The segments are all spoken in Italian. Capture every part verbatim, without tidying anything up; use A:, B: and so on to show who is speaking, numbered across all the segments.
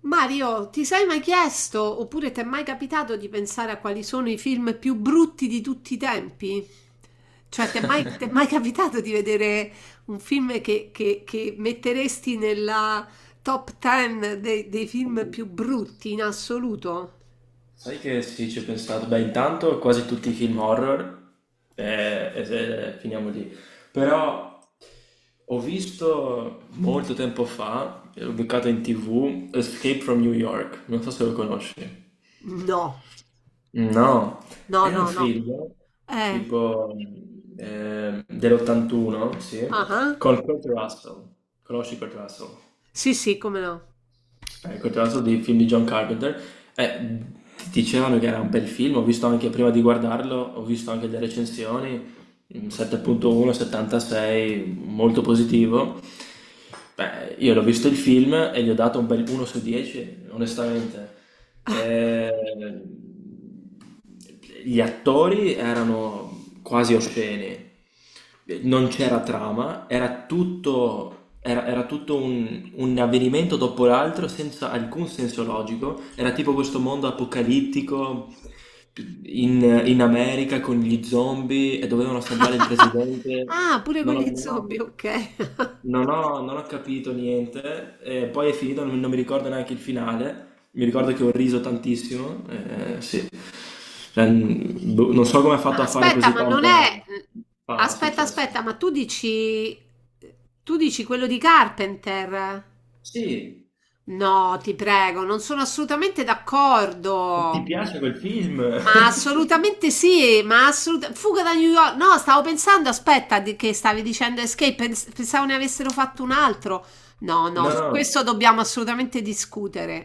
A: Mario, ti sei mai chiesto oppure ti è mai capitato di pensare a quali sono i film più brutti di tutti i tempi? Cioè, ti è mai, ti è mai capitato di vedere un film che, che- che metteresti nella top dieci dei, dei film più brutti in assoluto?
B: Sai che sì, ci ho pensato. Beh, intanto quasi tutti i film horror, eh, e se- finiamo lì. Però ho visto molto tempo fa, l'ho beccato in T V, Escape from New York, non so se lo conosci.
A: No,
B: No,
A: no,
B: è un
A: no, no.
B: film
A: Eh,
B: tipo eh, dell'ottantuno, sì,
A: ah, ah.
B: con Kurt Russell. Conosci Kurt Russell?
A: Sì, sì, come no.
B: Eh, Continuando dei film di John Carpenter, eh, dicevano che era un bel film, ho visto anche prima di guardarlo, ho visto anche le recensioni, mm, sette punto uno, settantasei, molto positivo. Beh, io l'ho visto il film e gli ho dato un bel uno su dieci, onestamente. Eh, gli attori erano quasi osceni, non c'era trama, era tutto, era, era tutto un, un avvenimento dopo l'altro senza alcun senso logico, era tipo questo mondo apocalittico in, in America con gli zombie e dovevano salvare il presidente.
A: Ah, pure con
B: Non ho,
A: gli
B: non ho-
A: zombie, ok.
B: non ho, non ho capito niente, e poi è finito, non, non mi ricordo neanche il finale, mi ricordo che ho riso tantissimo, eh, sì. Cioè, mh, boh, non so come ha fatto a fare
A: Aspetta,
B: così
A: ma non
B: tanta
A: è...
B: fama,
A: Aspetta,
B: successo.
A: aspetta, ma tu dici... Tu dici quello di Carpenter?
B: Sì,
A: No, ti prego, non sono assolutamente
B: ti
A: d'accordo.
B: piace quel film?
A: Ma assolutamente sì, ma assolutamente Fuga da New York. No, stavo pensando, aspetta, di- che stavi dicendo Escape, pens- pensavo ne avessero fatto un altro. No, no,
B: No,
A: su
B: no,
A: questo dobbiamo assolutamente discutere,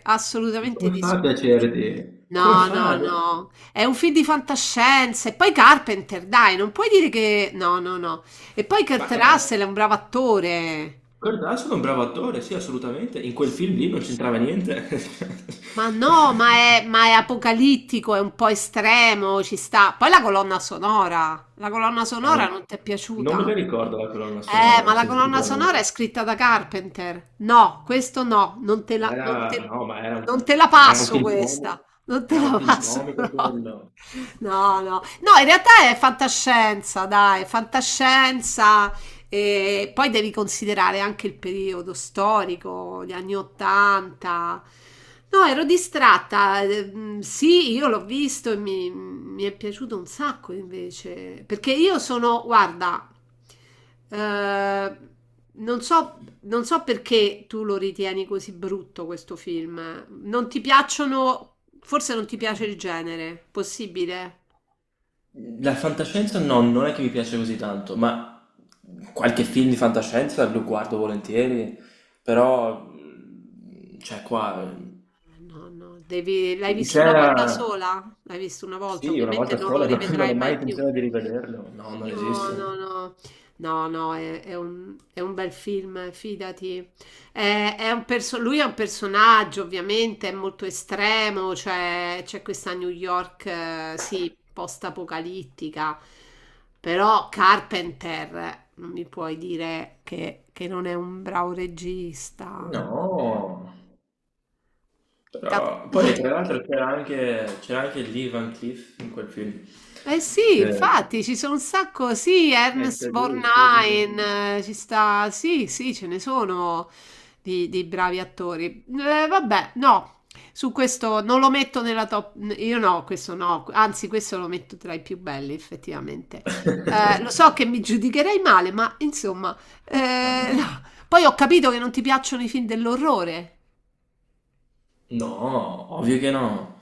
B: ma
A: assolutamente
B: come fa a
A: discutere.
B: piacerti? Come
A: No,
B: fa?
A: no,
B: a-
A: no, è un film di fantascienza. E poi Carpenter, dai, non puoi dire che... No, no, no. E poi
B: Ma
A: Kurt
B: eh,
A: Russell è un bravo attore.
B: Kurt Russell è un bravo attore, sì, assolutamente, in quel film lì non c'entrava niente.
A: Ma no, ma è, ma è apocalittico, è un po' estremo, ci sta. Poi la colonna sonora, la colonna
B: Era
A: sonora
B: un-
A: non ti è
B: Non me
A: piaciuta?
B: la ricordo la colonna
A: Eh,
B: sonora,
A: ma la colonna sonora è
B: sinceramente.
A: scritta da Carpenter. No, questo no, non te la,
B: Era,
A: non te,
B: no, ma era,
A: non
B: un-
A: te la
B: ma era un
A: passo
B: film
A: questa,
B: comico,
A: non te
B: era un
A: la
B: film
A: passo
B: comico
A: no.
B: quello.
A: No, no, no, in realtà è fantascienza, dai, fantascienza, e poi devi considerare anche il periodo storico, gli anni ottanta. No, ero distratta. ehm, Sì, io l'ho visto e mi, mi è piaciuto un sacco invece. Perché io sono, guarda, eh, non so, non so perché tu lo ritieni così brutto questo film. Non ti piacciono, forse non ti piace il genere, possibile?
B: La fantascienza no, non è che mi piace così tanto, ma qualche film di fantascienza lo guardo volentieri, però, cioè qua,
A: No, no, devi... L'hai visto una
B: c'era,
A: volta sola? L'hai visto una volta,
B: sì, una
A: ovviamente
B: volta
A: non lo
B: sola, non, non
A: rivedrai
B: ho mai
A: mai più.
B: intenzione di rivederlo, no, non
A: No, no,
B: esiste.
A: no, no, no, è, è un, è un bel film, fidati. È- è un perso- lui è un personaggio, ovviamente, è molto estremo, cioè c'è questa New York, eh, sì, post-apocalittica, però Carpenter, non mi puoi dire che, che non è un bravo regista.
B: No.
A: Ta-
B: Però- poi tra l'altro c'era anche, c'era anche Lee Van Cleef in quel film.
A: Eh sì,
B: Che...
A: infatti ci sono un sacco, sì,
B: Eh,
A: Ernst
B: c'è lui, sì, sì.
A: Borgnine, eh, ci sta, sì, sì, ce ne sono di, di bravi attori. Eh, vabbè, no, su questo non lo metto nella top, io no, questo no, anzi questo lo metto tra i più belli effettivamente. Eh, lo so che mi giudicherei male, ma insomma,
B: Ah,
A: eh,
B: no.
A: no. Poi ho capito che non ti piacciono i film dell'orrore.
B: No, ovvio che no.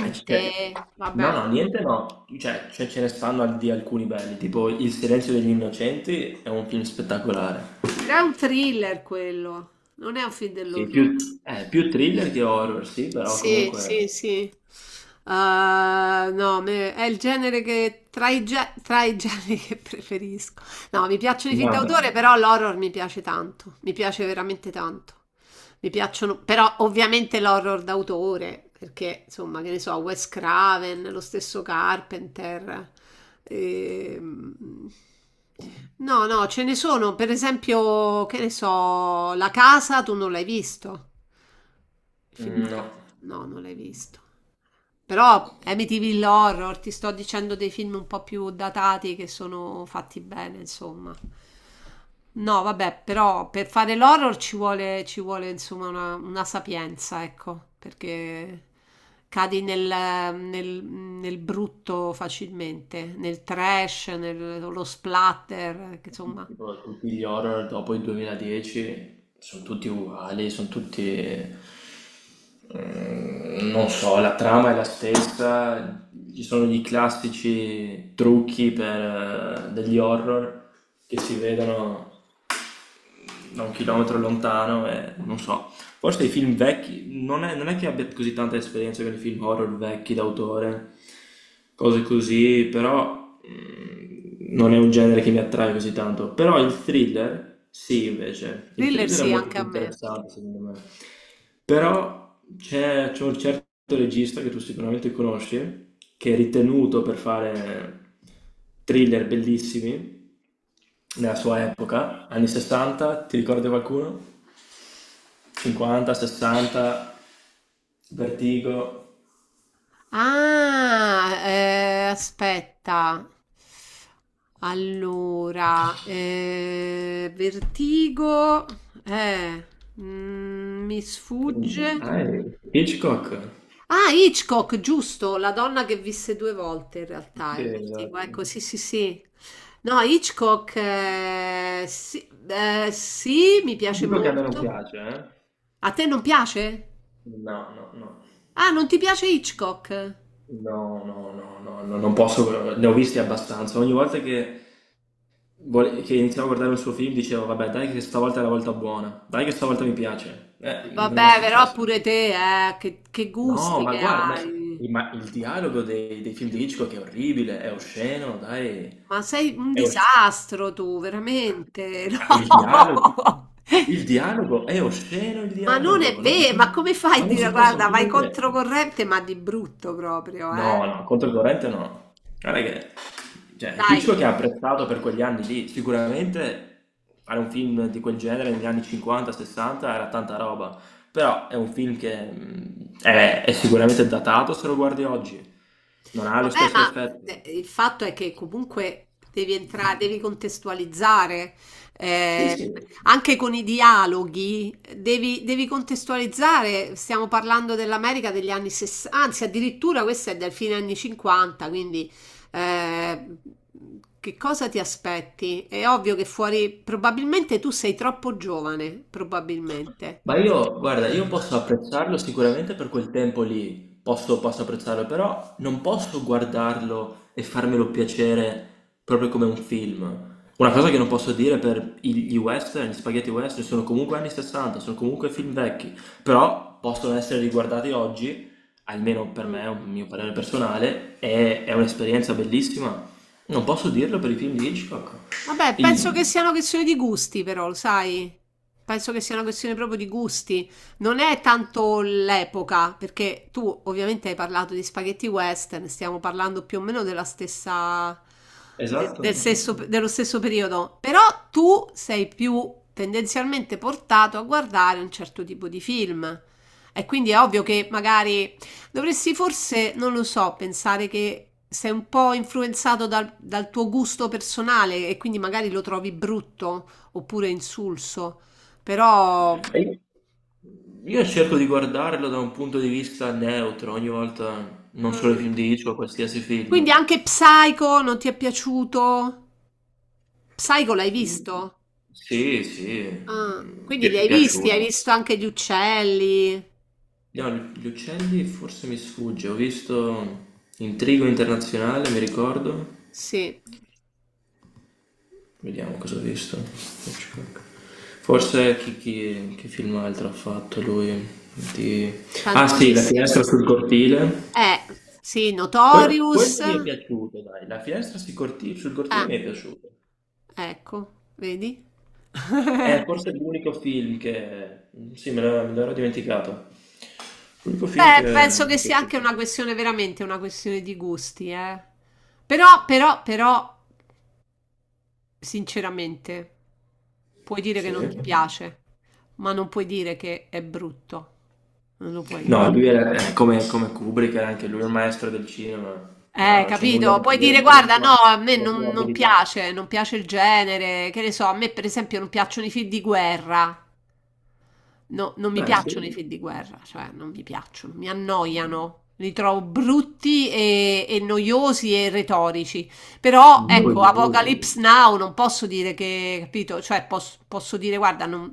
B: Ah, c- cioè,
A: vabbè.
B: no, no, niente no. Cioè, cioè, ce ne stanno al- di alcuni belli, tipo Il silenzio degli innocenti è un film spettacolare.
A: Però è un thriller quello, non è un film
B: Sì,
A: dell'orrore.
B: più, eh, più thriller che horror, sì, però
A: Sì,
B: comunque.
A: sì, sì. Ah, no, a me- è il genere che tra i, ge- tra i generi che preferisco. No, mi piacciono i film
B: Ma
A: d'autore,
B: bravo.
A: però l'horror mi piace tanto. Mi piace veramente tanto. Mi piacciono, però ovviamente l'horror d'autore, perché insomma, che ne so, Wes Craven, lo stesso Carpenter. ehm, No, no, ce ne sono, per esempio, che ne so, La casa tu non l'hai visto. Il Film da
B: Mm, no.
A: casa. No, non l'hai visto. Però Amityville Horror, ti sto dicendo dei film un po' più datati che sono fatti bene, insomma. No, vabbè, però per fare l'horror ci vuole, ci vuole insomma una, una sapienza, ecco, perché cadi nel, nel- nel brutto facilmente, nel trash, nello splatter, che, insomma.
B: Tipo tutti gli horror dopo il duemiladieci sono tutti uguali, sono tutti... mm, non so, la trama è la stessa, ci sono gli classici trucchi per, eh, degli horror che si vedono da un chilometro lontano e non so, forse i film vecchi, non è, non è che abbia così tanta esperienza con i film horror vecchi d'autore, cose così, però mm, non è un genere che mi attrae così tanto. Però il thriller, sì, invece, il
A: Thriller
B: thriller è
A: sì,
B: molto
A: anche
B: più
A: a me.
B: interessante secondo me. Però c'è, c'è un certo regista che tu sicuramente conosci, che è ritenuto per fare thriller bellissimi nella sua epoca, anni sessanta, ti ricordi qualcuno? cinquanta, sessanta, Vertigo.
A: Ah, eh, aspetta. Allora, eh, Vertigo, eh, mm, mi sfugge.
B: Ah, eh, Hitchcock?
A: Ah, Hitchcock, giusto, la donna che visse due volte in realtà,
B: Sì,
A: è Vertigo,
B: esatto.
A: ecco, sì, sì, sì. No, Hitchcock, eh, sì, eh, sì, mi piace
B: Dico che a me non
A: molto.
B: piace, eh?
A: A te non piace?
B: No, no, no.
A: Ah, non ti piace Hitchcock? Eh,
B: No, no, no, no, no, non posso, ne ho visti abbastanza. Ogni volta che, vole- che iniziavo a guardare un suo film dicevo, vabbè, dai che stavolta è la volta buona, dai che stavolta mi piace. Eh, non è
A: Vabbè,
B: mai
A: però
B: successo.
A: pure te, eh, che, che
B: No,
A: gusti
B: ma
A: che
B: guarda, ma,
A: hai.
B: ma il dialogo dei, dei film di Hitchcock è orribile, è osceno, dai.
A: Ma sei un
B: È osceno.
A: disastro tu, veramente.
B: Ma il dialogo,
A: No.
B: il dialogo è osceno il
A: Ma non è
B: dialogo, non si
A: vero,
B: può,
A: ma come fai a
B: ma non
A: dire,
B: si può
A: guarda, vai
B: sentire.
A: controcorrente, ma di brutto proprio, eh?
B: No, no, contro il corrente no. Guarda che cioè,
A: Dai.
B: Hitchcock è apprezzato per quegli anni lì, sicuramente fare un film di quel genere negli anni cinquanta sessanta era tanta roba, però è un film che mh, è, è sicuramente datato se lo guardi oggi, non ha lo
A: Vabbè,
B: stesso
A: ma
B: effetto.
A: eh, il fatto è che comunque devi entrare, devi contestualizzare,
B: Sì, sì.
A: eh, anche con i dialoghi, devi, devi contestualizzare. Stiamo parlando dell'America degli anni sessanta, anzi, addirittura questa è del fine anni cinquanta, quindi eh, che cosa ti aspetti? È ovvio che fuori, probabilmente tu sei troppo giovane, probabilmente.
B: Ma io, guarda, io posso apprezzarlo sicuramente per quel tempo lì, posso, posso apprezzarlo, però non posso guardarlo e farmelo piacere proprio come un film. Una cosa che non posso dire per i- gli western, gli spaghetti western, sono comunque anni sessanta, sono comunque film vecchi, però possono essere riguardati oggi, almeno per
A: Mm.
B: me, è un mio parere personale, è, è un'esperienza bellissima. Non posso dirlo per i film di Hitchcock.
A: Vabbè, penso che
B: Il-
A: sia una questione di gusti, però, lo sai? Penso che sia una questione proprio di gusti. Non è tanto l'epoca, perché tu ovviamente hai parlato di spaghetti western, stiamo parlando più o meno della stessa, de-
B: Esatto,
A: del stesso- dello stesso periodo, però tu sei più tendenzialmente portato a guardare un certo tipo di film. E quindi è ovvio che magari dovresti forse, non lo so, pensare che sei un po' influenzato dal, dal tuo gusto personale e quindi magari lo trovi brutto oppure insulso, però...
B: cioè. Io cerco di guardarlo da un punto di vista neutro ogni volta, non solo i
A: Mm.
B: film di Hitchcock, qualsiasi
A: Quindi
B: film.
A: anche Psycho non ti è piaciuto? Psycho l'hai
B: Mm,
A: visto?
B: sì, sì,
A: Ah,
B: mm,
A: quindi li
B: pi-
A: hai visti, hai
B: piaciuto.
A: visto anche gli uccelli?
B: No, gli gli uccelli forse mi sfugge, ho visto Intrigo Internazionale, mi ricordo.
A: Sì,
B: Vediamo cosa ho visto. Hitchcock. Forse chi, chi- che film altro ha fatto lui? Di- Ah, sì, La
A: tantissimi.
B: finestra sul cortile.
A: Eh, sì,
B: Que-
A: Notorious.
B: quello mi è piaciuto, dai. La finestra sui corti- sul cortile
A: Ah,
B: mi è piaciuto.
A: ecco, vedi?
B: È forse l'unico film che... Sì, me l'ero me l'ero dimenticato. L'unico film che
A: Beh, penso
B: mi
A: che
B: è
A: sia anche
B: piaciuto.
A: una questione, veramente una questione di gusti, eh. Però, però, però, sinceramente, puoi dire che non sì,
B: Sì.
A: ti piace, ma non puoi dire che è brutto. Non lo puoi dire.
B: No, lui era, eh, come, come Kubrick, era anche lui un maestro del cinema. No,
A: Eh,
B: non c'è nulla
A: capito?
B: da
A: Puoi
B: dire
A: dire,
B: sulla
A: guarda, no,
B: sua,
A: a me
B: sulla
A: non,
B: sua
A: non
B: abilità.
A: piace, non piace il genere, che ne so, a me per esempio non piacciono i film di guerra. No, non mi
B: Beh, sì.
A: piacciono i film di guerra, cioè non mi piacciono, mi annoiano, li trovo brutti e, e noiosi e retorici. Però ecco,
B: Noioso.
A: Apocalypse Now non posso dire che, capito? Cioè posso, posso dire, guarda, non,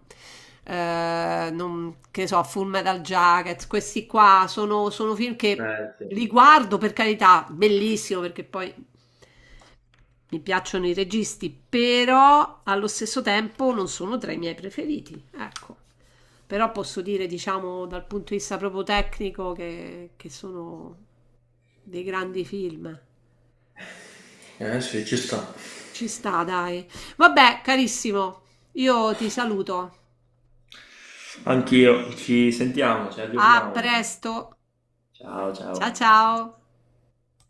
A: eh, non- che so, Full Metal Jacket, questi qua sono, sono film che
B: Eh, sì.
A: li guardo per carità, bellissimo perché poi mi piacciono i registi, però allo stesso tempo non sono tra i miei preferiti, ecco. Però posso dire, diciamo, dal punto di vista proprio tecnico, che, che sono dei grandi film.
B: Eh, sì, ci sta.
A: Ci sta, dai. Vabbè, carissimo, io ti saluto.
B: Anch'io. Ci sentiamo, ci
A: A
B: aggiorniamo.
A: presto.
B: Ciao,
A: Ciao
B: ciao.
A: ciao.